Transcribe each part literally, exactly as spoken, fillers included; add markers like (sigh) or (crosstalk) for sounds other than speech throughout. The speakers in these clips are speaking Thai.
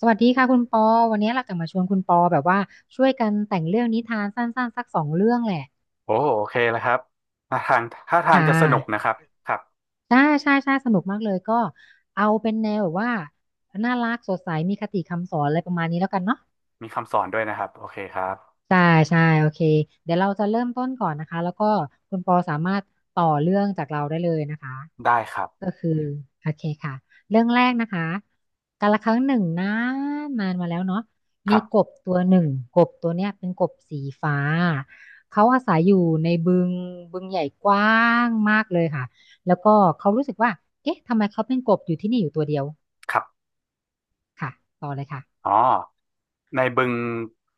สวัสดีค่ะคุณปอวันนี้เราจะมาชวนคุณปอแบบว่าช่วยกันแต่งเรื่องนิทานสั้นๆสักสองเรื่องแหละโอ้โอเคแล้วครับท่าทางท่าทางค่ะจะสนุกนะครับครับใช่ใช่ใช่สนุกมากเลยก็เอาเป็นแนวแบบว่าน่ารักสดใสมีคติคำสอนอะไรประมาณนี้แล้วกันเนาะมีคำสอนด้วยนะครับโอเคครับใช่ใช่โอเคเดี๋ยวเราจะเริ่มต้นก่อนนะคะแล้วก็คุณปอสามารถต่อเรื่องจากเราได้เลยนะคะ ได้ครับก็คือโอเคค่ะเรื่องแรกนะคะกาละครั้งหนึ่งนานนานมาแล้วเนาะคมีรับกบตัวหนึ่งกบตัวเนี้ยเป็นกบสีฟ้าเขาอาศัยอยู่ในบึงบึงใหญ่กว้างมากเลยค่ะแล้วก็เขารู้สึกว่าเอ๊ะทำไมเขาเป็นกบอยู่ที่นี่อยู่ตัวเดียวครับค่ะต่อเลยค่ะอ๋อในบึง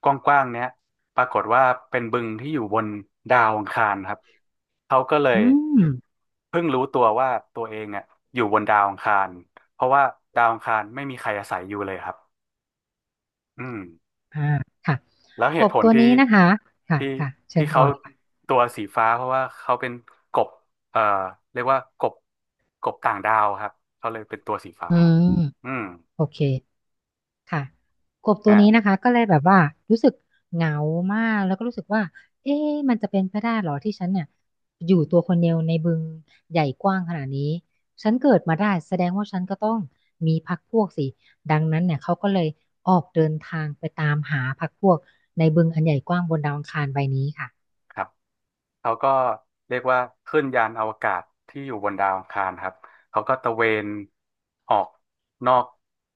กว้างๆเนี้ยปรากฏว่าเป็นบึงที่อยู่บนดาวอังคารครับเขาก็เลอืยมเพิ่งรู้ตัวว่าตัวเองอ่ะอยู่บนดาวอังคารเพราะว่าดาวอังคารไม่มีใครอาศัยอยู่เลยครับอืม อ่าค่ะแล้วกเหตุบผลตัวที่นี้นะคะค่ะที่ค่ะเชิที่ญต่เขาอเลยค่ะตัวสีฟ้าเพราะว่าเขาเป็นกบเอ่อเรียกว่ากบกบต่างดาวครับเขาเลยเป็นตัวสีฟ้าอืมอืมโอเค ค่ะกบตัวเนี่ยนี้นะคะก็เลยแบบว่ารู้สึกเหงามากแล้วก็รู้สึกว่าเอ๊ะมันจะเป็นไปได้เหรอที่ฉันเนี่ยอยู่ตัวคนเดียวในบึงใหญ่กว้างขนาดนี้ฉันเกิดมาได้แสดงว่าฉันก็ต้องมีพรรคพวกสิดังนั้นเนี่ยเขาก็เลยออกเดินทางไปตามหาพรรคพวกในบึงอันใหญ่กว้างบนดาวอังคารใบนี้ค่ะ ครับเขาก็เรียกว่าขึ้นยานอวกาศที่อยู่บนดาวอังคารครับเขาก็ตระเวนออกนอก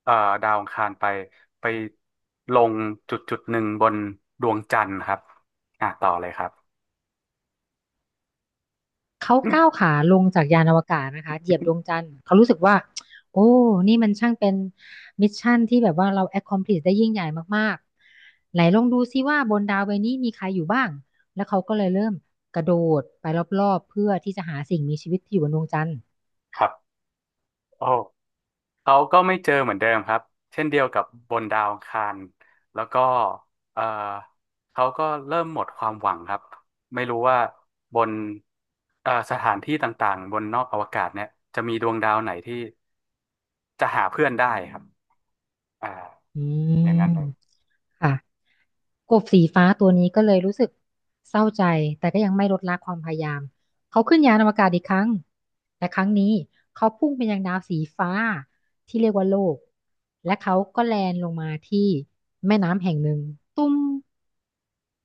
เอ่อดาวอังคารไปไปลงจุดจุดหนึ่งบนดวงจันทร์ครับอ่ะต่อเลยครับ เขาก้าว (coughs) ขาลงจากยานอวกาศนะคะเหยียบดวงจันทร์เขารู้สึกว่าโอ้นี่มันช่างเป็นมิชชั่นที่แบบว่าเรา accomplish ได้ยิ่งใหญ่มากๆไหนลองดูซิว่าบนดาวใบนี้มีใครอยู่บ้างแล้วเขาก็เลยเริ่มกระโดดไปรอบๆเพื่อที่จะหาสิ่งมีชีวิตที่อยู่บนดวงจันทร์ (laughs) ครับโอ้ เขาก็ไม่เจอเหมือนเดิมครับเช่นเดียวกับบนดาวอังคารแล้วก็เอ่อเขาก็เริ่มหมดความหวังครับไม่รู้ว่าบนเอ่อสถานที่ต่างๆบนนอกอวกาศเนี่ยจะมีดวงดาวไหนที่จะหาเพื่อนได้ครับอ่าอือย่างนั้นมเลยค่ะกบสีฟ้าตัวนี้ก็เลยรู้สึกเศร้าใจแต่ก็ยังไม่ลดละความพยายามเขาขึ้นยานอวกาศอีกครั้งแต่ครั้งนี้เขาพุ่งไปยังดาวสีฟ้าที่เรียกว่าโลกและเขาก็แลนลงมาที่แม่น้ำแห่งหนึ่งตุ้ม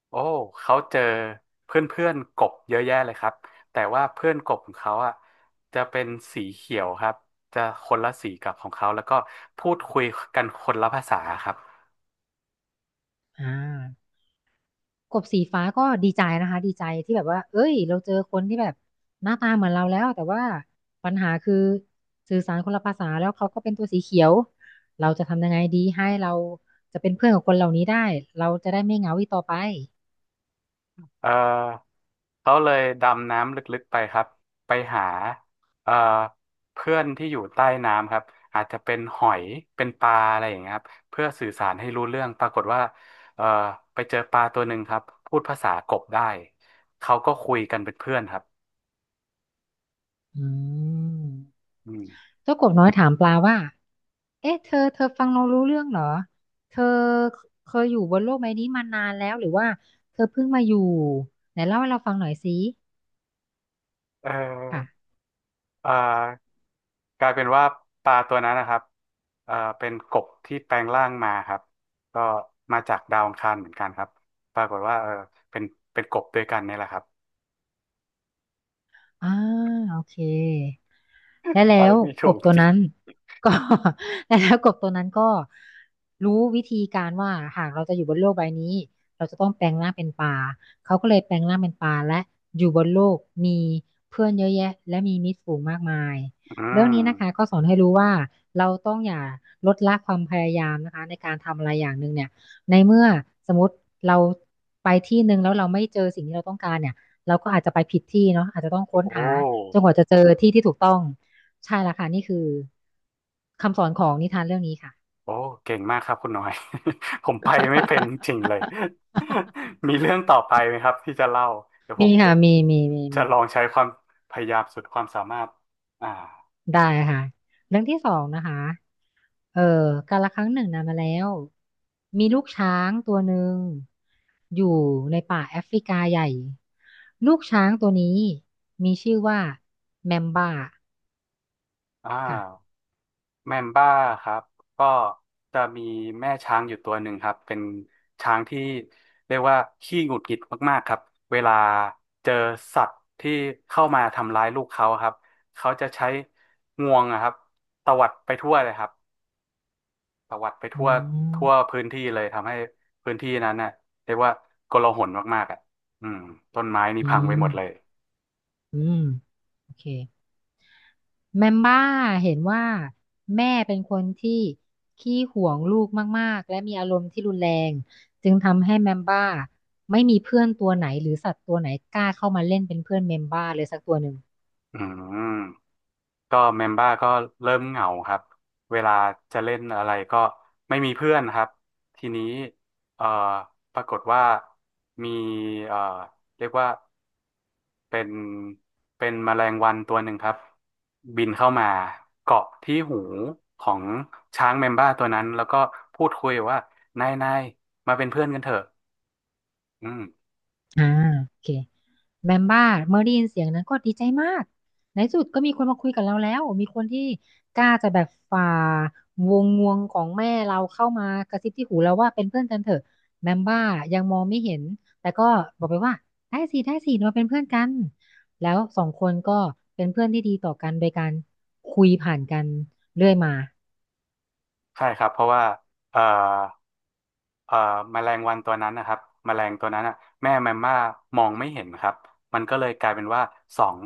โอ้เขาเจอเพื่อนๆกบเยอะแยะเลยครับแต่ว่าเพื่อนกบของเขาอ่ะจะเป็นสีเขียวครับจะคนละสีกับของเขาแล้วก็พูดคุยกันคนละภาษาครับ อ่า กบสีฟ้าก็ดีใจนะคะดีใจที่แบบว่าเอ้ยเราเจอคนที่แบบหน้าตาเหมือนเราแล้วแต่ว่าปัญหาคือสื่อสารคนละภาษาแล้วเขาก็เป็นตัวสีเขียวเราจะทำยังไงดีให้เราจะเป็นเพื่อนกับคนเหล่านี้ได้เราจะได้ไม่เหงาอีกต่อไปเออเขาเลยดำน้ำลึกๆไปครับไปหาเออเพื่อนที่อยู่ใต้น้ำครับอาจจะเป็นหอย เป็นปลาอะไรอย่างเงี้ยครับเพื่อสื่อสารให้รู้เรื่องปรากฏว่าเออไปเจอปลาตัวหนึ่งครับพูดภาษากบได้ เขาก็คุยกันเป็นเพื่อนครับอืมอืมเจ้ากบน้อยถามปลาว่าเอ๊ะเธอเธอฟังเรารู้เรื่องเหรอเธอเคยอยู่บนโลกใบนี้มานานแล้วหรือว่าเธอเพิ่งมาอยู่ไหนเล่าให้เราฟังหน่อยสิเอค่ะอเออกลายเป็นว่าปลาตัวนั้นนะครับเออเป็นกบที่แปลงร่างมาครับก็มาจากดาวอังคารเหมือนกันครับปรากฏว่าเออเป็นเป็นกบด้วยกันเนี่ยแหละครับ อ่าโอเค และไปแล้วไม่กถูบกตัวจริงนั้นก็ (laughs) และแล้วกบตัวนั้นก็รู้วิธีการว่าหากเราจะอยู่บนโลกใบนี้เราจะต้องแปลงร่างเป็นปลาเขาก็เลยแปลงร่างเป็นปลาและอยู่บนโลกมีเพื่อนเยอะแยะและมีมิตรฝูงมากมายอืเรื่องนี้นะคะก็มสอนให้รู้ว่าเราต้องอย่าลดละความพยายามนะคะในการทำอะไรอย่างหนึ่งเนี่ยในเมื่อสมมติเราไปที่หนึ่งแล้วเราไม่เจอสิ่งที่เราต้องการเนี่ยเราก็อาจจะไปผิดที่เนาะอาจจะต้องค้นโอหาจ้นกว่าจะเจอที่ที่ถูกต้อง ใช่ละค่ะนี่คือคำสอนของนิทานเรื่องนี้ค่ะ โอ้เก่งมากครับคุณหน่อย (laughs) ผมไปไม่เป็นจริงเลย (laughs) (laughs) มีเรื่องต่อไปไหมครับที่จะเล่าเดี๋ยวผมีมค่ะจะมีมีมีจะมีลองใช้ความพยายามสุดความสามารถอ่าได้ค่ะเรื่องที่สองนะคะเออกาลครั้งหนึ่งนานมาแล้วมีลูกช้างตัวหนึ่งอยู่ในป่าแอฟริกาใหญ่ลูกช้างตัวนี้มีชื่อว่าแมมบ้าอ่ค่ะา แมมบ้าครับก็จะมีแม่ช้างอยู่ตัวหนึ่งครับเป็นช้างที่เรียกว่าขี้หงุดหงิดมากๆครับเวลาเจอสัตว์ที่เข้ามาทำร้ายลูกเขาครับเขาจะใช้งวงอะครับตวัดไปทั่วเลยครับตวัดไปอืทั่วมทั่วพื้นที่เลยทำให้พื้นที่นั้นน่ะเรียกว่าโกลาหลมากๆอ่ะอืมต้นไม้นี่พังไปหมดเลยอืมโอเค แมมบ้าเห็นว่าแม่เป็นคนที่ขี้หวงลูกมากๆและมีอารมณ์ที่รุนแรงจึงทำให้แมมบ้าไม่มีเพื่อนตัวไหนหรือสัตว์ตัวไหนกล้าเข้ามาเล่นเป็นเพื่อนแมมบ้าเลยสักตัวหนึ่งอืม ก็เมมเบอร์ก็เริ่มเหงาครับเวลาจะเล่นอะไรก็ไม่มีเพื่อนครับทีนี้เอ่อปรากฏว่ามีเอ่อเรียกว่าเป็นเป็นแมลงวันตัวหนึ่งครับบินเข้ามาเกาะที่หูของช้างเมมเบอร์ตัวนั้นแล้วก็พูดคุยว่านายนายมาเป็นเพื่อนกันเถอะอืมอ่าโอเค แมมบ้าเมื่อได้ยินเสียงนั้นก็ดีใจมากในที่สุดก็มีคนมาคุยกับเราแล้วมีคนที่กล้าจะแบบฝ่าวงงวงของแม่เราเข้ามากระซิบที่หูเราว่าเป็นเพื่อนกันเถอะแมมบ้ายังมองไม่เห็นแต่ก็บอกไปว่าได้สิได้สิเราเป็นเพื่อนกันแล้วสองคนก็เป็นเพื่อนที่ดีต่อกันโดยการคุยผ่านกันเรื่อยมา ใช่ครับเพราะว่าเอ่อ เอ่อแมลงวันตัวนั้นนะครับแมลงตัวนั้นอ่ะแม่แมมม่ามองไม่เห็นครับมันก็เลยกลายเป็นว่าสอง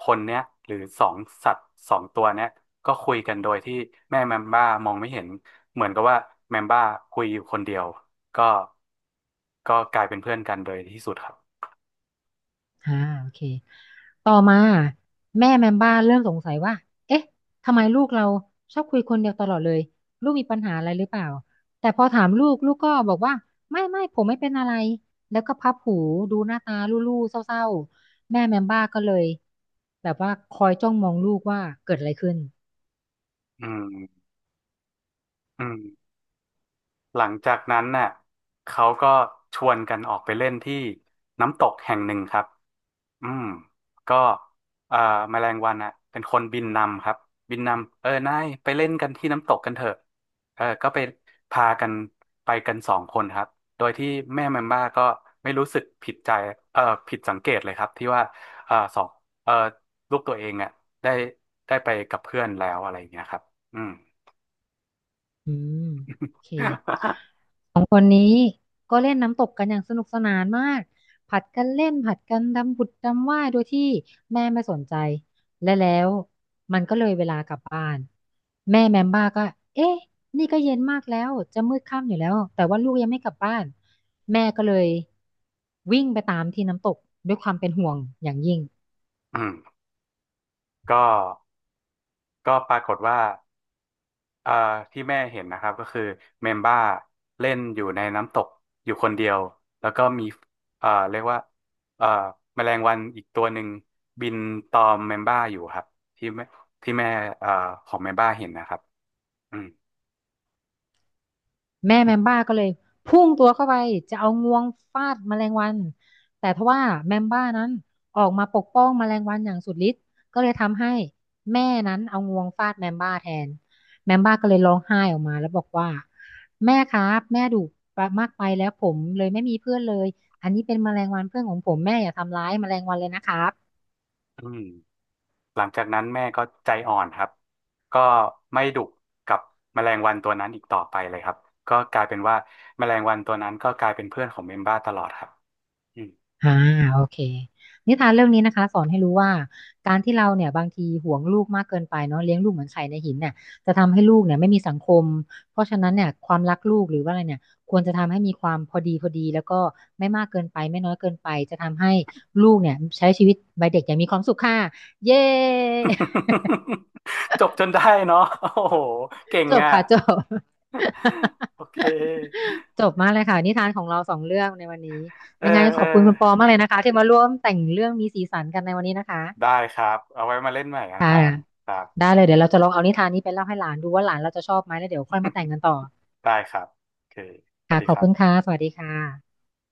คนเนี้ยหรือสองสัตว์สองตัวเนี้ยก็คุยกันโดยที่แม่แมมม่ามองไม่เห็นเหมือนกับว่าแมมม่าคุยอยู่คนเดียวก็ก็กลายเป็นเพื่อนกันโดยที่สุดครับอ่าโอเค ต่อมาแม่แมมบ้าเริ่มสงสัยว่า เอ๊ะ ทำไมลูกเราชอบคุยคนเดียวตลอดเลย ลูกมีปัญหาอะไรหรือเปล่า แต่พอถามลูกลูกก็บอกว่าไม่ไม่ผมไม่เป็นอะไร แล้วก็พับหูดูหน้าตาลู่ๆเศร้าๆ แม่แมมบ้าก็เลยแบบว่าคอยจ้องมองลูกว่าเกิดอะไรขึ้นอืมอืมหลังจากนั้นน่ะเขาก็ชวนกันออกไปเล่นที่น้ำตกแห่งหนึ่งครับ อืมก็เอ่อแมลงวันอ่ะเป็นคนบินนำครับบินนำเออนายไปเล่นกันที่น้ำตกกันเถอะเออก็ไปพากันไปกันสองคนครับโดยที่แม่แมมบ้าก็ไม่รู้สึกผิดใจเออผิดสังเกตเลยครับที่ว่าเออสองเออลูกตัวเองอ่ะได้ได้ไปกับเพื่อนแล้วอะไรอย่างเงี้ยครับอืม อืมโอเค ก็เล่นน้ำตกกันอย่างสนุกสนานมากผัดกันเล่นผัดกันดำผุดดำว่ายโดยที่แม่ไม่สนใจและแล้วมันก็เลยเวลากลับบ้านแม่แมมบ้าก็เอ๊ะนี่ก็เย็นมากแล้วจะมืดค่ำอยู่แล้วแต่ว่าลูกยังไม่กลับบ้านแม่ก็เลยวิ่งไปตามที่น้ำตกด้วยความเป็นห่วงอย่างยิ่ง (laughs) อืมก็ก็ปรากฏว่า อ่าที่แม่เห็นนะครับก็คือเมมบ้าเล่นอยู่ในน้ำตกอยู่คนเดียวแล้วก็มีอ่าเรียกว่าอ่าแมลงวันอีกตัวหนึ่งบินตอมเมมบ้าอยู่ครับที่แม่ที่แม่อ่าของเมมบ้าเห็นนะครับอืมแม่แมมบ้าก็เลยพุ่งตัวเข้าไปจะเอางวงฟาดแมลงวันแต่ทว่าแมมบ้านั้นออกมาปกป้องแมลงวันอย่างสุดฤทธิ์ก็เลยทำให้แม่นั้นเอางวงฟาดแมมบ้าแทนแมมบ้าก็เลยร้องไห้ออกมาแล้วบอกว่าแม่ครับแม่ดุมากไปแล้วผมเลยไม่มีเพื่อนเลยอันนี้เป็นแมลงวันเพื่อนของผมแม่อย่าทำร้ายแมลงวันเลยนะครับ อืมหลังจากนั้นแม่ก็ใจอ่อนครับก็ไม่ดุกับแมลงวันตัวนั้นอีกต่อไปเลยครับก็กลายเป็นว่าแมลงวันตัวนั้นก็กลายเป็นเพื่อนของเมมบ้าตลอดครับ อ่าโอเคนิทานเรื่องนี้นะคะสอนให้รู้ว่าการที่เราเนี่ยบางทีห่วงลูกมากเกินไปเนาะเลี้ยงลูกเหมือนไข่ในหินเนี่ยจะทำให้ลูกเนี่ยไม่มีสังคมเพราะฉะนั้นเนี่ยความรักลูกหรือว่าอะไรเนี่ยควรจะทำให้มีความพอดีพอดีแล้วก็ไม่มากเกินไปไม่น้อยเกินไปจะทำให้ลูกเนี่ยใช้ชีวิตวัยเด็กอย่างมีความสุขค่ะเย้ (laughs) (laughs) จบจนได้เนาะโอ้โหเก่งจบอ่ะค่ะจบ โอเค (laughs) จบมากเลยค่ะนิทานของเราสองเรื่องในวันนี้เออยังไงขเอออบคุณคุณปอมากเลยนะคะที่มาร่วมแต่งเรื่องมีสีสันกันในวันนี้นะคะ ได้ครับ เอาไว้มาเล่นใหม่นะครับครับ ได้เลยเดี๋ยวเราจะลองเอานิทานนี้ไปเล่าให้หลานดูว่าหลานเราจะชอบไหมแล้วเดี๋ยวค่อยมาแต่ง (laughs) กันต่อได้ครับโอเคสวัค่ะสดีขอคบรัคุณค่ะบสวัสดีค่ะ